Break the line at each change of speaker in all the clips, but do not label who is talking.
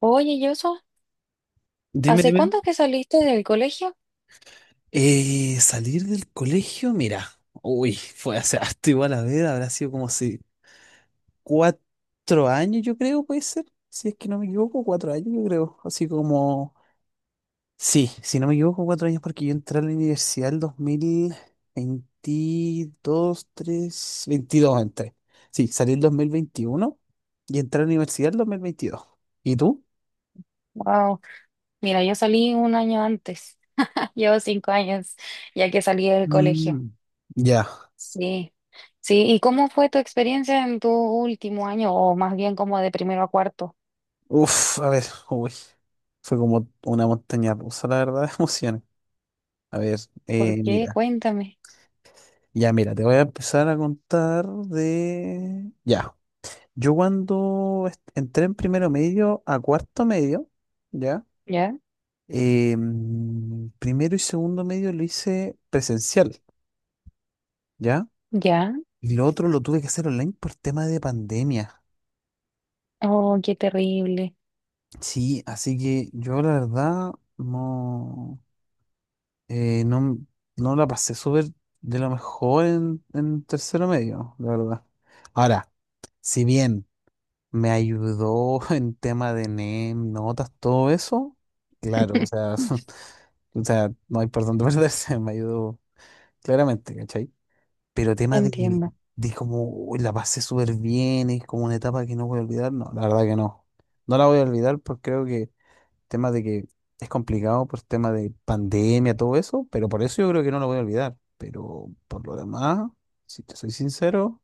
Oye, Yoso,
Dime,
¿hace
dime.
cuánto que saliste del colegio?
Salir del colegio, mira, uy, fue hace harto, igual. A ver, habrá sido como si 4 años, yo creo, puede ser. Si es que no me equivoco, 4 años, yo creo, así como, sí, si no me equivoco, 4 años, porque yo entré a la universidad el 2022, tres, 22 entré. Sí, salí el 2021 y entré a la universidad el 2022. ¿Y tú?
Wow, mira, yo salí un año antes. Llevo 5 años ya que salí del colegio.
Mm, ya.
Sí, sí. ¿Y cómo fue tu experiencia en tu último año, o más bien como de primero a cuarto?
Uf, a ver, uy, fue como una montaña rusa, la verdad, de emociones. A ver,
¿Por qué?
mira,
Cuéntame.
ya mira, te voy a empezar a contar de... Ya, yo cuando entré en primero medio a cuarto medio. ¿Ya?
¿Ya?
Primero y segundo medio lo hice presencial. ¿Ya?
¿Ya?
Y lo otro lo tuve que hacer online por tema de pandemia.
Oh, qué terrible.
Sí, así que yo la verdad no... No, no la pasé súper de lo mejor en tercero medio, la verdad. Ahora, si bien me ayudó en tema de NEM, notas, todo eso, claro, o sea, o sea, no hay por dónde perderse, me ayudó claramente, ¿cachai? Pero tema de,
Entiendo.
como "Uy, la pasé súper bien, es como una etapa que no voy a olvidar", no, la verdad que no. No la voy a olvidar, porque creo que, tema de que, es complicado por tema de pandemia, todo eso, pero por eso yo creo que no lo voy a olvidar. Pero por lo demás, si te soy sincero,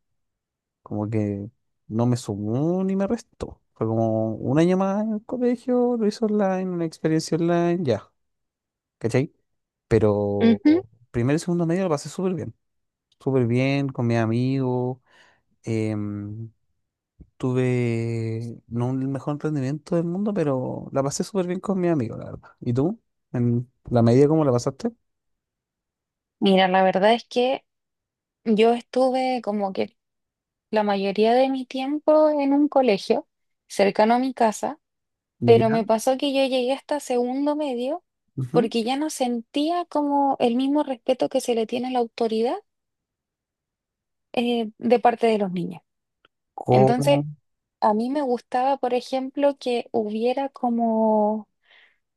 como que no me sumó ni me restó. Fue como un año más en el colegio, lo hice online, una experiencia online, ya, ¿cachai? Pero
Ujú.
primero y segundo medio lo pasé súper bien con mis amigos. em, Tuve no el mejor rendimiento del mundo, pero la pasé súper bien con mi amigo, la verdad. ¿Y tú? ¿En la medida cómo la pasaste?
Mira, la verdad es que yo estuve como que la mayoría de mi tiempo en un colegio cercano a mi casa. Pero
Ya.
me pasó que yo llegué hasta segundo medio
Ujú.
porque ya no sentía como el mismo respeto que se le tiene a la autoridad de parte de los niños. Entonces,
¿Cómo?
a mí me gustaba, por ejemplo, que hubiera como,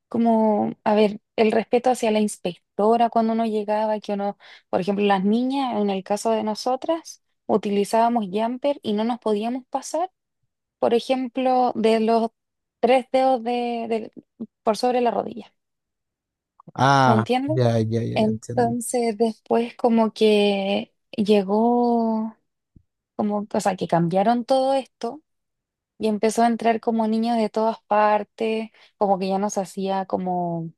a ver, el respeto hacia la inspectora cuando uno llegaba, que uno, por ejemplo, las niñas, en el caso de nosotras, utilizábamos jumper y no nos podíamos pasar, por ejemplo, de los tres dedos por sobre la rodilla. ¿Me
Ah,
entiendes?
ya, ya, ya, ya entiendo.
Entonces después como que llegó, como, o sea, que cambiaron todo esto y empezó a entrar como niños de todas partes, como que ya nos hacía como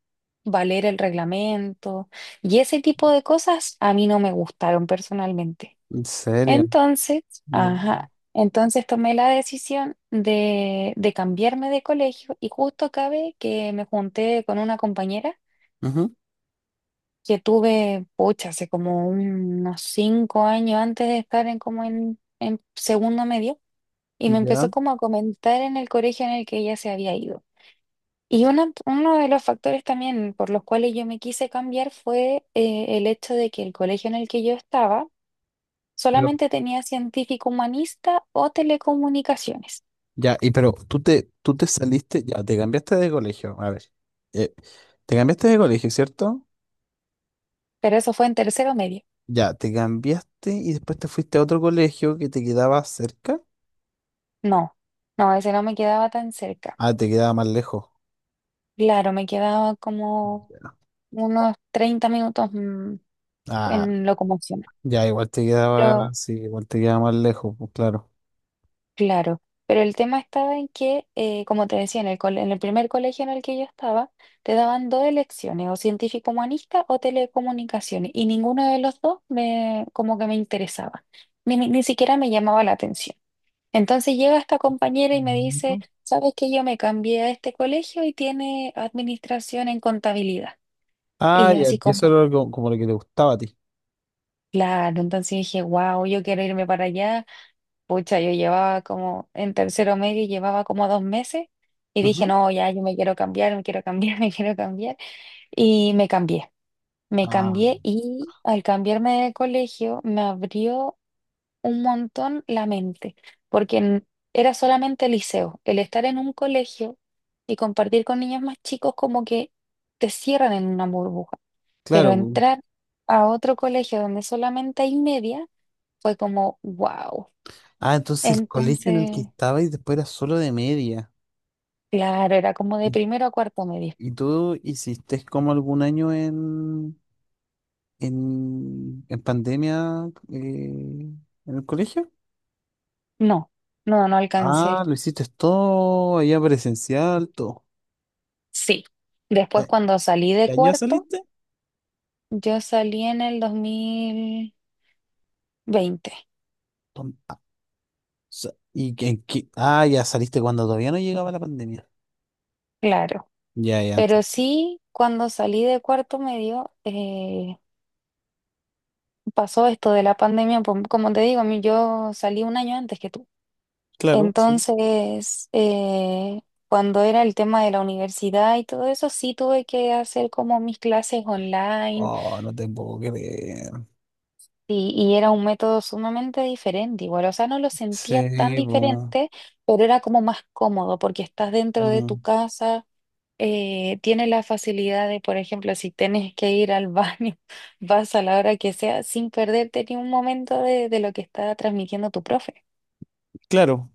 valer el reglamento y ese tipo de cosas a mí no me gustaron personalmente.
¿En serio?
Entonces,
Ya.
ajá, entonces tomé la decisión de cambiarme de colegio y justo cabe que me junté con una compañera
Ujú,
que tuve, pucha, hace como unos 5 años antes de estar en como en segundo medio, y me empezó
ya.
como a comentar en el colegio en el que ella se había ido. Y uno de los factores también por los cuales yo me quise cambiar fue el hecho de que el colegio en el que yo estaba
Pero,
solamente tenía científico humanista o telecomunicaciones,
ya, y pero tú te saliste, ya, te cambiaste de colegio. A ver. eh, Te cambiaste de colegio, ¿cierto?
pero eso fue en tercero medio.
Ya, te cambiaste y después te fuiste a otro colegio que te quedaba cerca.
No, no, ese no me quedaba tan cerca.
Ah, te quedaba más lejos.
Claro, me quedaba como unos 30 minutos
Ah,
en locomoción.
ya, igual te quedaba,
Pero,
sí, igual te quedaba más lejos, pues claro.
claro, pero el tema estaba en que, como te decía, en el primer colegio en el que yo estaba, te daban dos elecciones, o científico humanista o telecomunicaciones, y ninguno de los dos me, como que me interesaba, ni siquiera me llamaba la atención. Entonces llega esta compañera y me dice,
Ujú.
¿sabes que yo me cambié a este colegio y tiene administración en contabilidad? Y
Ah,
yo
ya,
así
y eso
como,
era como, como lo que te gustaba a ti.
claro, entonces dije, wow, yo quiero irme para allá. Pucha, yo llevaba como en tercero medio, y llevaba como 2 meses y dije,
Ujú.
no, ya, yo me quiero cambiar, me quiero cambiar. Y me
Ah,
cambié y al cambiarme de colegio me abrió un montón la mente, porque era solamente liceo. El estar en un colegio y compartir con niños más chicos como que te cierran en una burbuja, pero
claro. pu.
entrar a otro colegio donde solamente hay media fue como, wow.
Ah, entonces el colegio en el que
Entonces.
estabas después era solo de media.
Claro, era como de
¿Y,
primero a cuarto medio.
y tú hiciste como algún año en, pandemia, en el colegio?
No, no, no alcancé.
Ah, lo hiciste todo allá presencial, todo.
Sí. Después
¿Qué
cuando salí de
qué año
cuarto,
saliste?
yo salí en el 2020.
¿Y en qué? Ah, ya saliste cuando todavía no llegaba la pandemia.
Claro.
Ya, ya
Pero
antes.
sí, cuando salí de cuarto medio, pasó esto de la pandemia. Como te digo, a mí yo salí un año antes que tú.
Claro, sí.
Entonces, cuando era el tema de la universidad y todo eso, sí tuve que hacer como mis clases online.
Oh, no te puedo creer.
Sí, y era un método sumamente diferente, igual, o sea, no lo sentía tan
Sí, po.
diferente, pero era como más cómodo porque estás dentro de tu
Mm,
casa, tienes la facilidad de, por ejemplo, si tienes que ir al baño, vas a la hora que sea sin perderte ni un momento de lo que está transmitiendo tu profe.
claro.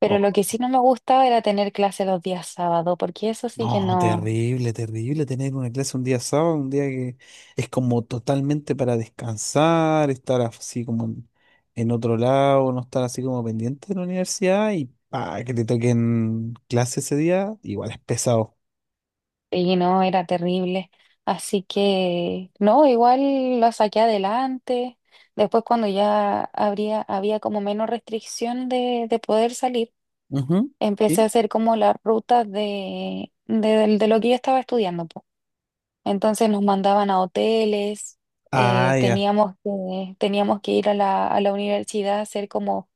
Pero
Oh,
lo que sí no me gustaba era tener clase los días sábado, porque eso sí que
no,
no.
terrible, terrible tener una clase un día sábado, un día que es como totalmente para descansar, estar así como en otro lado, no estar así como pendiente de la universidad y pa, que te toquen clase ese día, igual es pesado.
Y no, era terrible. Así que, no, igual lo saqué adelante. Después, cuando ya había como menos restricción de poder salir,
Ujú.
empecé a
Sí.
hacer como las rutas de lo que yo estaba estudiando, po. Entonces nos mandaban a hoteles,
Ah, ya.
teníamos que ir a la universidad a hacer como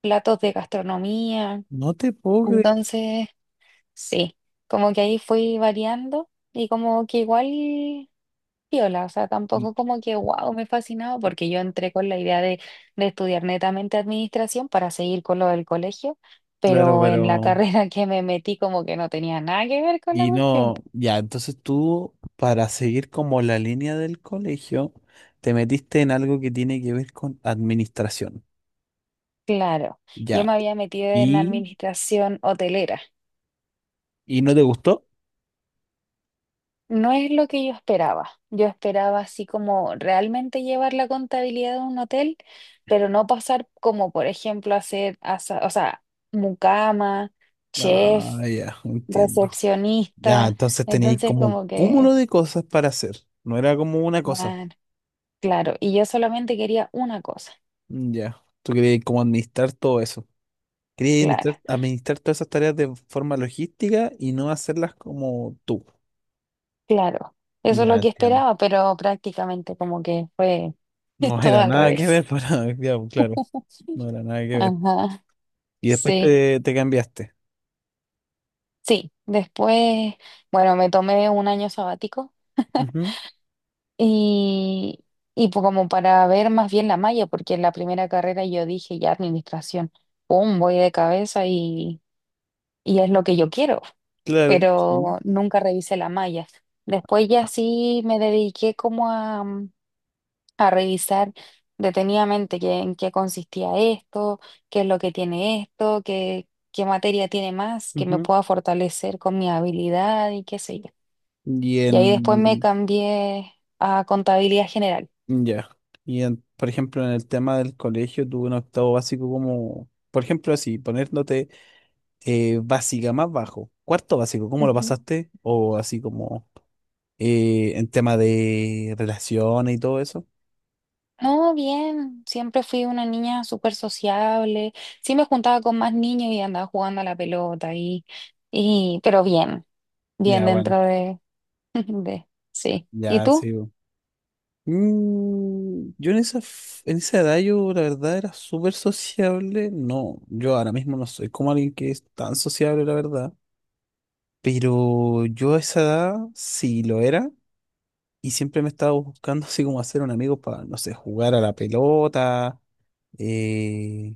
platos de gastronomía.
No te puedo creer.
Entonces, sí, como que ahí fui variando y como que igual, piola, o sea, tampoco como que wow, me fascinaba porque yo entré con la idea de estudiar netamente administración para seguir con lo del colegio,
Claro,
pero en la
pero...
carrera que me metí como que no tenía nada que ver con la
Y
cuestión.
no, ya, entonces tú, para seguir como la línea del colegio, te metiste en algo que tiene que ver con administración.
Claro, yo me
Ya.
había metido en
¿Y,
administración hotelera.
y no te gustó?
No es lo que yo esperaba. Yo esperaba así como realmente llevar la contabilidad de un hotel, pero no pasar como, por ejemplo, o sea, mucama,
Ah,
chef.
ya, entiendo. Ya,
Recepcionista,
entonces teníais
entonces
como un
como que,
cúmulo de cosas para hacer. No era como una cosa.
man, claro, y yo solamente quería una cosa,
Mm, ya. Tú querías como administrar todo eso. Querías
claro,
administrar, administrar todas esas tareas de forma logística y no hacerlas como tú.
claro, eso es
Ya,
lo que
entiendo.
esperaba, pero prácticamente como que fue
No
todo
era
al
nada que
revés.
ver para, ya, pues, claro, no era nada que ver.
Ajá,
Y después
sí,
te cambiaste.
sí, después, bueno, me tomé un año sabático
Ujú,
y, y pues como para ver más bien la malla, porque en la primera carrera yo dije ya administración, pum, voy de cabeza y es lo que yo quiero.
claro, sí.
Pero nunca revisé la malla. Después ya sí me dediqué como a revisar detenidamente qué, en qué consistía esto, qué es lo que tiene esto, qué, materia tiene más, que me
Ujú.
pueda fortalecer con mi habilidad y qué sé yo.
Y
Y ahí después me
en,
cambié a contabilidad general.
ya. Y en, por ejemplo, en el tema del colegio, tuve un octavo básico como, por ejemplo, así, poniéndote, básica más bajo. Cuarto básico, ¿cómo lo pasaste? O así como, en tema de relaciones y todo eso.
No, bien, siempre fui una niña súper sociable, sí me juntaba con más niños y andaba jugando a la pelota y pero bien, bien
Ya, bueno,
dentro de, de, sí. ¿Y
ya,
tú?
sí. Mm, yo en en esa edad, yo la verdad era súper sociable. No, yo ahora mismo no soy como alguien que es tan sociable, la verdad. Pero yo a esa edad sí lo era, y siempre me estaba buscando así como hacer un amigo para, no sé, jugar a la pelota, eh,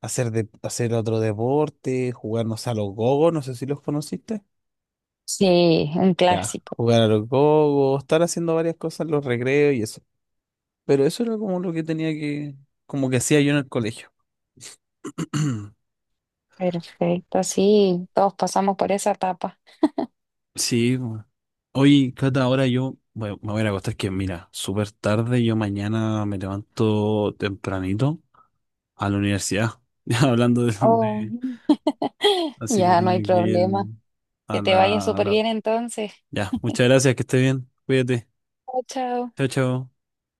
hacer otro deporte, jugarnos a los gogos, no sé si los conociste.
Sí, un
Ya,
clásico.
jugar a los gogos, estar haciendo varias cosas en los recreos y eso. Pero eso era como lo que tenía que, como que hacía yo en el colegio.
Perfecto, sí, todos pasamos por esa etapa.
Sí, bu. Oye, Cata, ahora yo, bueno, me voy a ir a acostar, que, mira, súper tarde, yo mañana me levanto tempranito a la universidad. Ya hablando
Oh,
así que
ya no
tengo
hay
que ir
problema.
a
Que te vaya
la...
súper bien entonces.
Ya, muchas gracias, que esté bien, cuídate,
Chao, chao.
chao, chao.